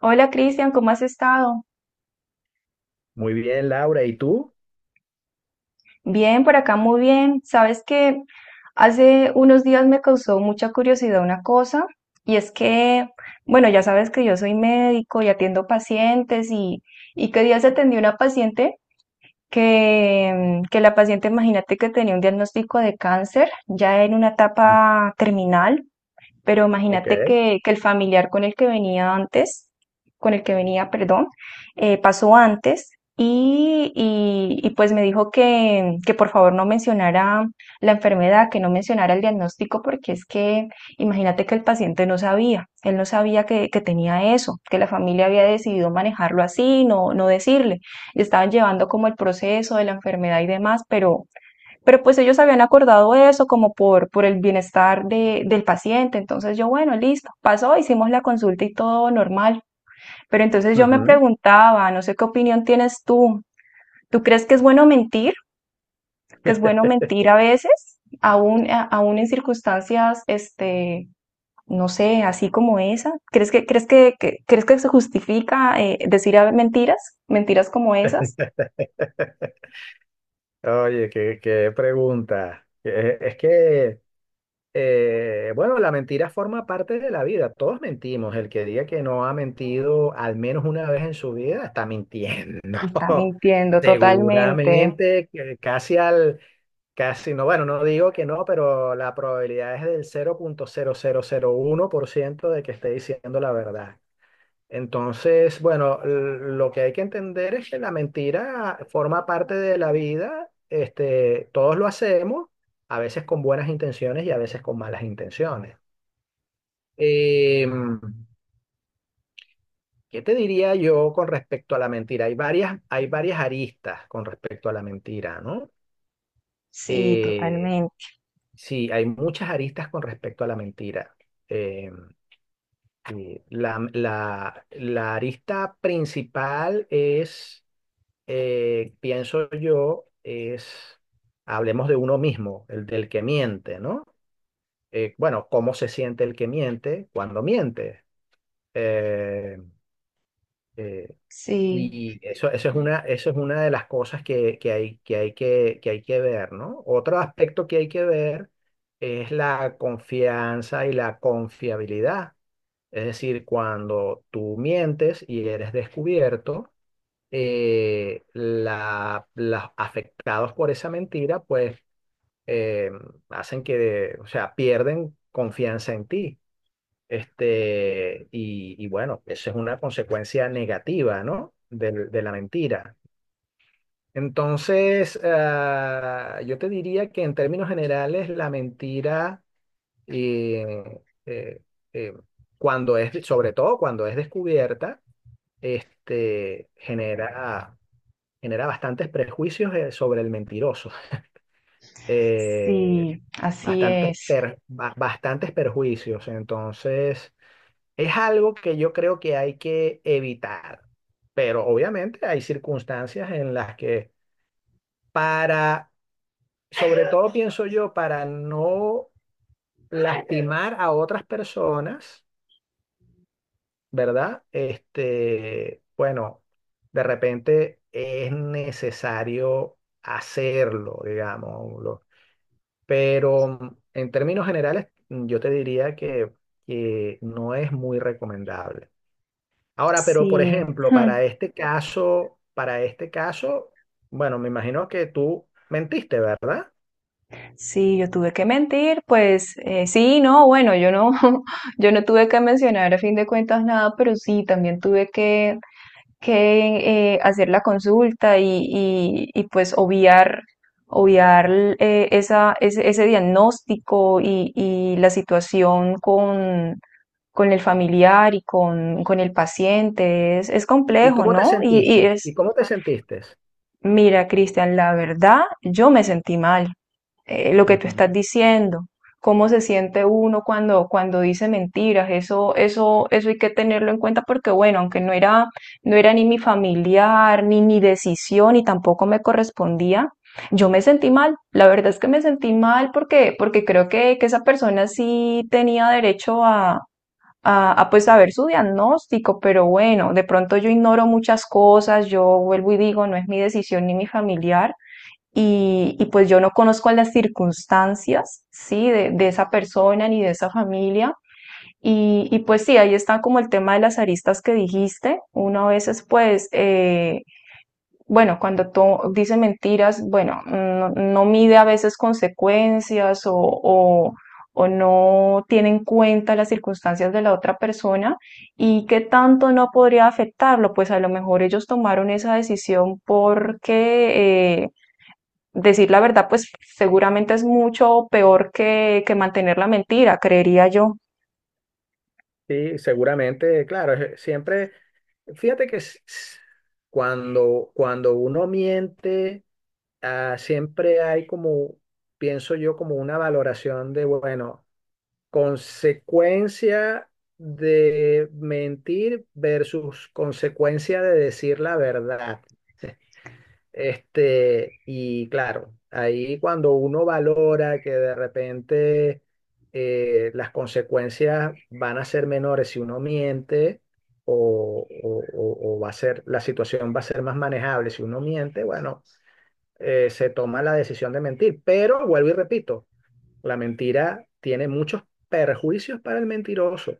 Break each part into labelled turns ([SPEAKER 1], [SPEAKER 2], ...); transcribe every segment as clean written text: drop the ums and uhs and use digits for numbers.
[SPEAKER 1] Hola Cristian, ¿cómo has estado?
[SPEAKER 2] Muy bien, Laura, ¿y tú?
[SPEAKER 1] Bien, por acá muy bien. Sabes que hace unos días me causó mucha curiosidad una cosa y es que, bueno, ya sabes que yo soy médico y atiendo pacientes y, que días atendí una paciente que, que la paciente, imagínate que tenía un diagnóstico de cáncer ya en una
[SPEAKER 2] Mm.
[SPEAKER 1] etapa terminal. Pero
[SPEAKER 2] Ok.
[SPEAKER 1] imagínate que el familiar con el que venía antes, con el que venía, perdón, pasó antes y, y pues me dijo que por favor no mencionara la enfermedad, que no mencionara el diagnóstico, porque es que imagínate que el paciente no sabía, él no sabía que tenía eso, que la familia había decidido manejarlo así, no, no decirle. Le estaban llevando como el proceso de la enfermedad y demás, pero pero ellos habían acordado eso como por el bienestar de, del paciente. Entonces yo, bueno, listo, pasó, hicimos la consulta y todo normal. Pero entonces yo me
[SPEAKER 2] Ujú.
[SPEAKER 1] preguntaba, no sé qué opinión tienes tú. ¿Tú crees que es bueno mentir? ¿Que es bueno mentir a veces? Aún, aún en circunstancias, no sé, así como esa. ¿Crees que crees que se justifica decir mentiras? ¿Mentiras como esas?
[SPEAKER 2] Oye, qué pregunta. Es que, bueno, la mentira forma parte de la vida. Todos mentimos. El que diga que no ha mentido al menos una vez en su vida está mintiendo.
[SPEAKER 1] Está mintiendo totalmente.
[SPEAKER 2] Seguramente, que casi no, bueno, no digo que no, pero la probabilidad es del cero punto cero cero cero punto uno por ciento de que esté diciendo la verdad. Entonces, bueno, lo que hay que entender es que la mentira forma parte de la vida, este, todos lo hacemos, a veces con buenas intenciones y a veces con malas intenciones. Em, ¿Qué te diría yo con respecto a la mentira? Hay varias aristas con respecto a la mentira, ¿no?
[SPEAKER 1] Sí,
[SPEAKER 2] Eh,
[SPEAKER 1] totalmente.
[SPEAKER 2] sí, hay muchas aristas con respecto a la mentira. Em, y la arista principal es, pienso yo, es, hablemos de uno mismo, el del que miente, ¿no? Bueno, ¿cómo se siente el que miente cuando miente? Eh, eh,
[SPEAKER 1] Sí.
[SPEAKER 2] y eso es una de las cosas que hay, que hay que ver, ¿no? Otro aspecto que hay que ver es la confianza y la confiabilidad. Es decir, cuando tú mientes y eres descubierto, las afectados por esa mentira, pues eh, hacen que, o sea, pierden confianza en ti. Este, y bueno, eso es una consecuencia negativa, ¿no? De la mentira. Entonces, ah, yo te diría que en términos generales, la mentira, eh, eh, eh, cuando es, sobre todo cuando es descubierta, este, genera bastantes prejuicios, sobre el mentiroso, eh,
[SPEAKER 1] Sí, así
[SPEAKER 2] bastantes,
[SPEAKER 1] es.
[SPEAKER 2] per- ba- bastantes perjuicios. Entonces, es algo que yo creo que hay que evitar, pero obviamente hay circunstancias en las que, para, sobre todo pienso yo, para no lastimar a otras personas, ¿verdad? Este, bueno, de repente es necesario hacerlo, digamos. Pero en términos generales, yo te diría que no es muy recomendable. Ahora, pero por
[SPEAKER 1] Sí,
[SPEAKER 2] ejemplo,
[SPEAKER 1] hmm,
[SPEAKER 2] para este caso, bueno, me imagino que tú mentiste, ¿verdad?
[SPEAKER 1] sí, yo tuve que mentir, pues, sí, no, bueno, yo no, yo no tuve que mencionar a fin de cuentas nada, pero sí, también tuve que hacer la consulta y pues obviar, obviar esa, ese diagnóstico y la situación con el familiar y con el paciente. Es
[SPEAKER 2] ¿Y
[SPEAKER 1] complejo,
[SPEAKER 2] cómo te
[SPEAKER 1] ¿no? Y
[SPEAKER 2] sentiste? ¿Y
[SPEAKER 1] es.
[SPEAKER 2] cómo te sentiste?
[SPEAKER 1] Mira, Cristian, la verdad, yo me sentí mal. Lo que tú
[SPEAKER 2] Ujú.
[SPEAKER 1] estás diciendo, cómo se siente uno cuando, cuando dice mentiras, eso hay que tenerlo en cuenta porque, bueno, aunque no era, no era ni mi familiar, ni mi decisión, y tampoco me correspondía, yo me sentí mal. La verdad es que me sentí mal porque, porque creo que esa persona sí tenía derecho a, pues saber su diagnóstico, pero bueno, de pronto yo ignoro muchas cosas, yo vuelvo y digo, no es mi decisión ni mi familiar. Y pues yo no conozco las circunstancias, ¿sí? De esa persona ni de esa familia. Y, pues sí, ahí está como el tema de las aristas que dijiste. Una a veces pues, bueno, cuando tú dices mentiras, bueno, no, no mide a veces consecuencias o o no tiene en cuenta las circunstancias de la otra persona y qué tanto no podría afectarlo. Pues a lo mejor ellos tomaron esa decisión porque, decir la verdad, pues seguramente es mucho peor que mantener la mentira, creería yo.
[SPEAKER 2] Sí, seguramente, claro, siempre, fíjate que cuando uno miente, ah, siempre hay como, pienso yo, como una valoración de, bueno, consecuencia de mentir versus consecuencia de decir la verdad. Este, y claro, ahí cuando uno valora que de repente, las consecuencias van a ser menores si uno miente, o va a ser, la situación va a ser más manejable si uno miente, bueno, se toma la decisión de mentir. Pero vuelvo y repito, la mentira tiene muchos perjuicios para el mentiroso,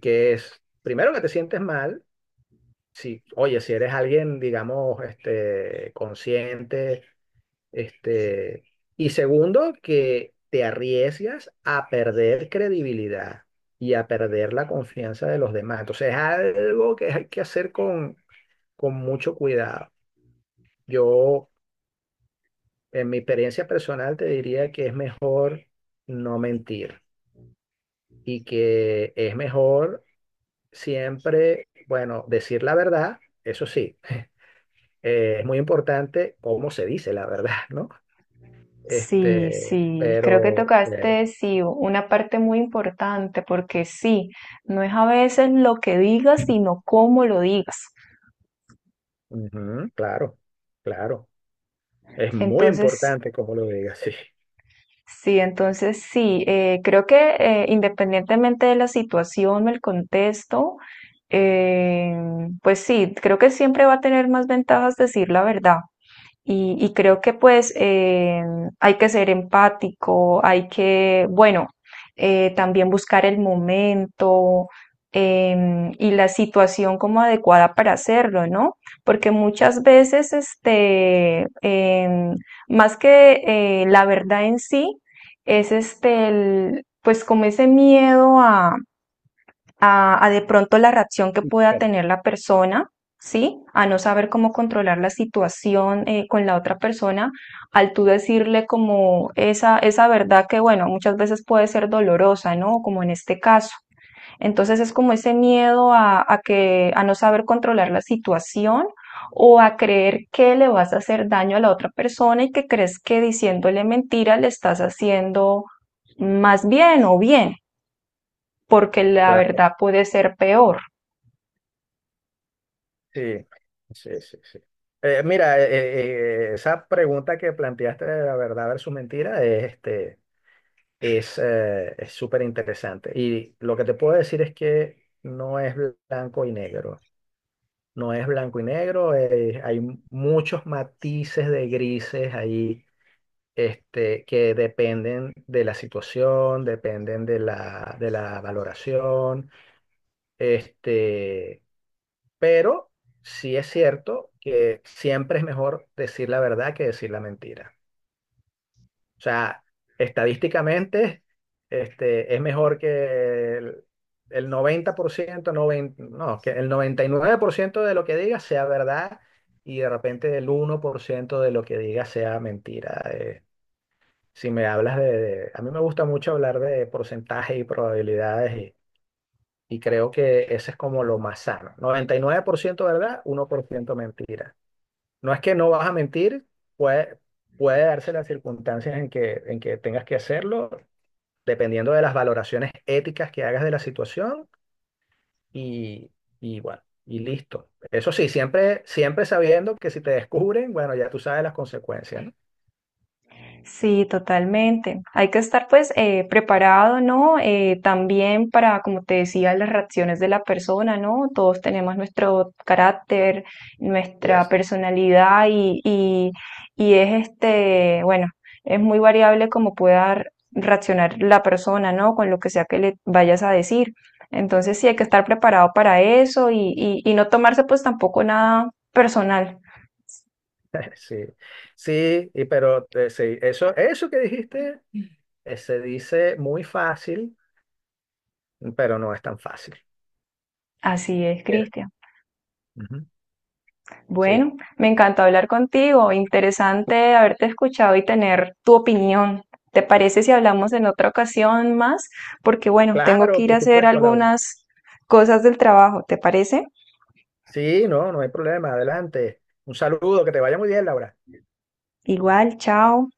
[SPEAKER 2] que es, primero, que te sientes mal, si, oye, si eres alguien, digamos, este, consciente, este, y segundo, que te arriesgas a perder credibilidad y a perder la confianza de los demás. Entonces es algo que hay que hacer con mucho cuidado. Yo, en mi experiencia personal, te diría que es mejor no mentir y que es mejor siempre, bueno, decir la verdad. Eso sí, es muy importante cómo se dice la verdad, ¿no?
[SPEAKER 1] Sí,
[SPEAKER 2] Este,
[SPEAKER 1] sí, creo que
[SPEAKER 2] pero,
[SPEAKER 1] tocaste, sí, una parte muy importante, porque sí, no es a veces lo que digas, sino cómo lo digas.
[SPEAKER 2] ujú. Claro, claro. Es muy
[SPEAKER 1] Entonces,
[SPEAKER 2] importante cómo lo digas, sí.
[SPEAKER 1] sí, entonces sí, creo que, independientemente de la situación o el contexto, eh, pues sí, creo que siempre va a tener más ventajas decir la verdad. Y creo que pues, hay que ser empático, hay que, bueno, también buscar el momento, y la situación como adecuada para hacerlo, ¿no? Porque muchas veces, más que, la verdad en sí, es este, el, pues como ese miedo a de pronto la reacción que pueda
[SPEAKER 2] Bueno,
[SPEAKER 1] tener la persona, ¿sí? A no saber cómo controlar la situación, con la otra persona, al tú decirle como esa verdad que, bueno, muchas veces puede ser dolorosa, ¿no? Como en este caso. Entonces es como ese miedo a que, a no saber controlar la situación o a creer que le vas a hacer daño a la otra persona y que crees que diciéndole mentira le estás haciendo más bien o bien porque la
[SPEAKER 2] claro,
[SPEAKER 1] verdad puede ser peor.
[SPEAKER 2] sí, sí, sí, sí. Mira, esa pregunta que planteaste de la verdad versus mentira es, este, es súper interesante. Y lo que te puedo decir es que no es blanco y negro. No es blanco y negro, hay muchos matices de grises ahí, este, que dependen de la situación, dependen de la valoración, este, pero sí es cierto que siempre es mejor decir la verdad que decir la mentira. O sea, estadísticamente, este, es mejor que el 90%, 90, no, que el 99% de lo que digas sea verdad. Y de repente el 1% de lo que digas sea mentira. Si me hablas de- A mí me gusta mucho hablar de porcentajes y probabilidades, y creo que ese es como lo más sano. 99% verdad, 1% mentira. No es que no vas a mentir, puede, puede darse las circunstancias en que tengas que hacerlo, dependiendo de las valoraciones éticas que hagas de la situación y, y bueno, y listo. Eso sí, siempre, siempre sabiendo que si te descubren, bueno, ya tú sabes las consecuencias,
[SPEAKER 1] Sí, totalmente. Hay que estar pues, preparado, ¿no? También para, como te decía, las reacciones de la persona, ¿no? Todos tenemos nuestro carácter,
[SPEAKER 2] ¿no?
[SPEAKER 1] nuestra personalidad y es este, bueno, es muy variable cómo pueda reaccionar la persona, ¿no? Con lo que sea que le vayas a decir. Entonces sí hay que estar preparado para eso y no tomarse pues tampoco nada personal.
[SPEAKER 2] Sí, sí, y pero sí, eso que dijiste, se dice muy fácil, pero no es tan fácil.
[SPEAKER 1] Así es,
[SPEAKER 2] Eh,
[SPEAKER 1] Cristian.
[SPEAKER 2] ujú. Sí,
[SPEAKER 1] Bueno, me encantó hablar contigo. Interesante haberte escuchado y tener tu opinión. ¿Te parece si hablamos en otra ocasión más? Porque bueno, tengo que
[SPEAKER 2] claro,
[SPEAKER 1] ir a
[SPEAKER 2] por
[SPEAKER 1] hacer
[SPEAKER 2] supuesto, Laura.
[SPEAKER 1] algunas cosas del trabajo. ¿Te parece?
[SPEAKER 2] Sí, no, no hay problema, adelante. Un saludo, que te vaya muy bien, Laura.
[SPEAKER 1] Igual, chao.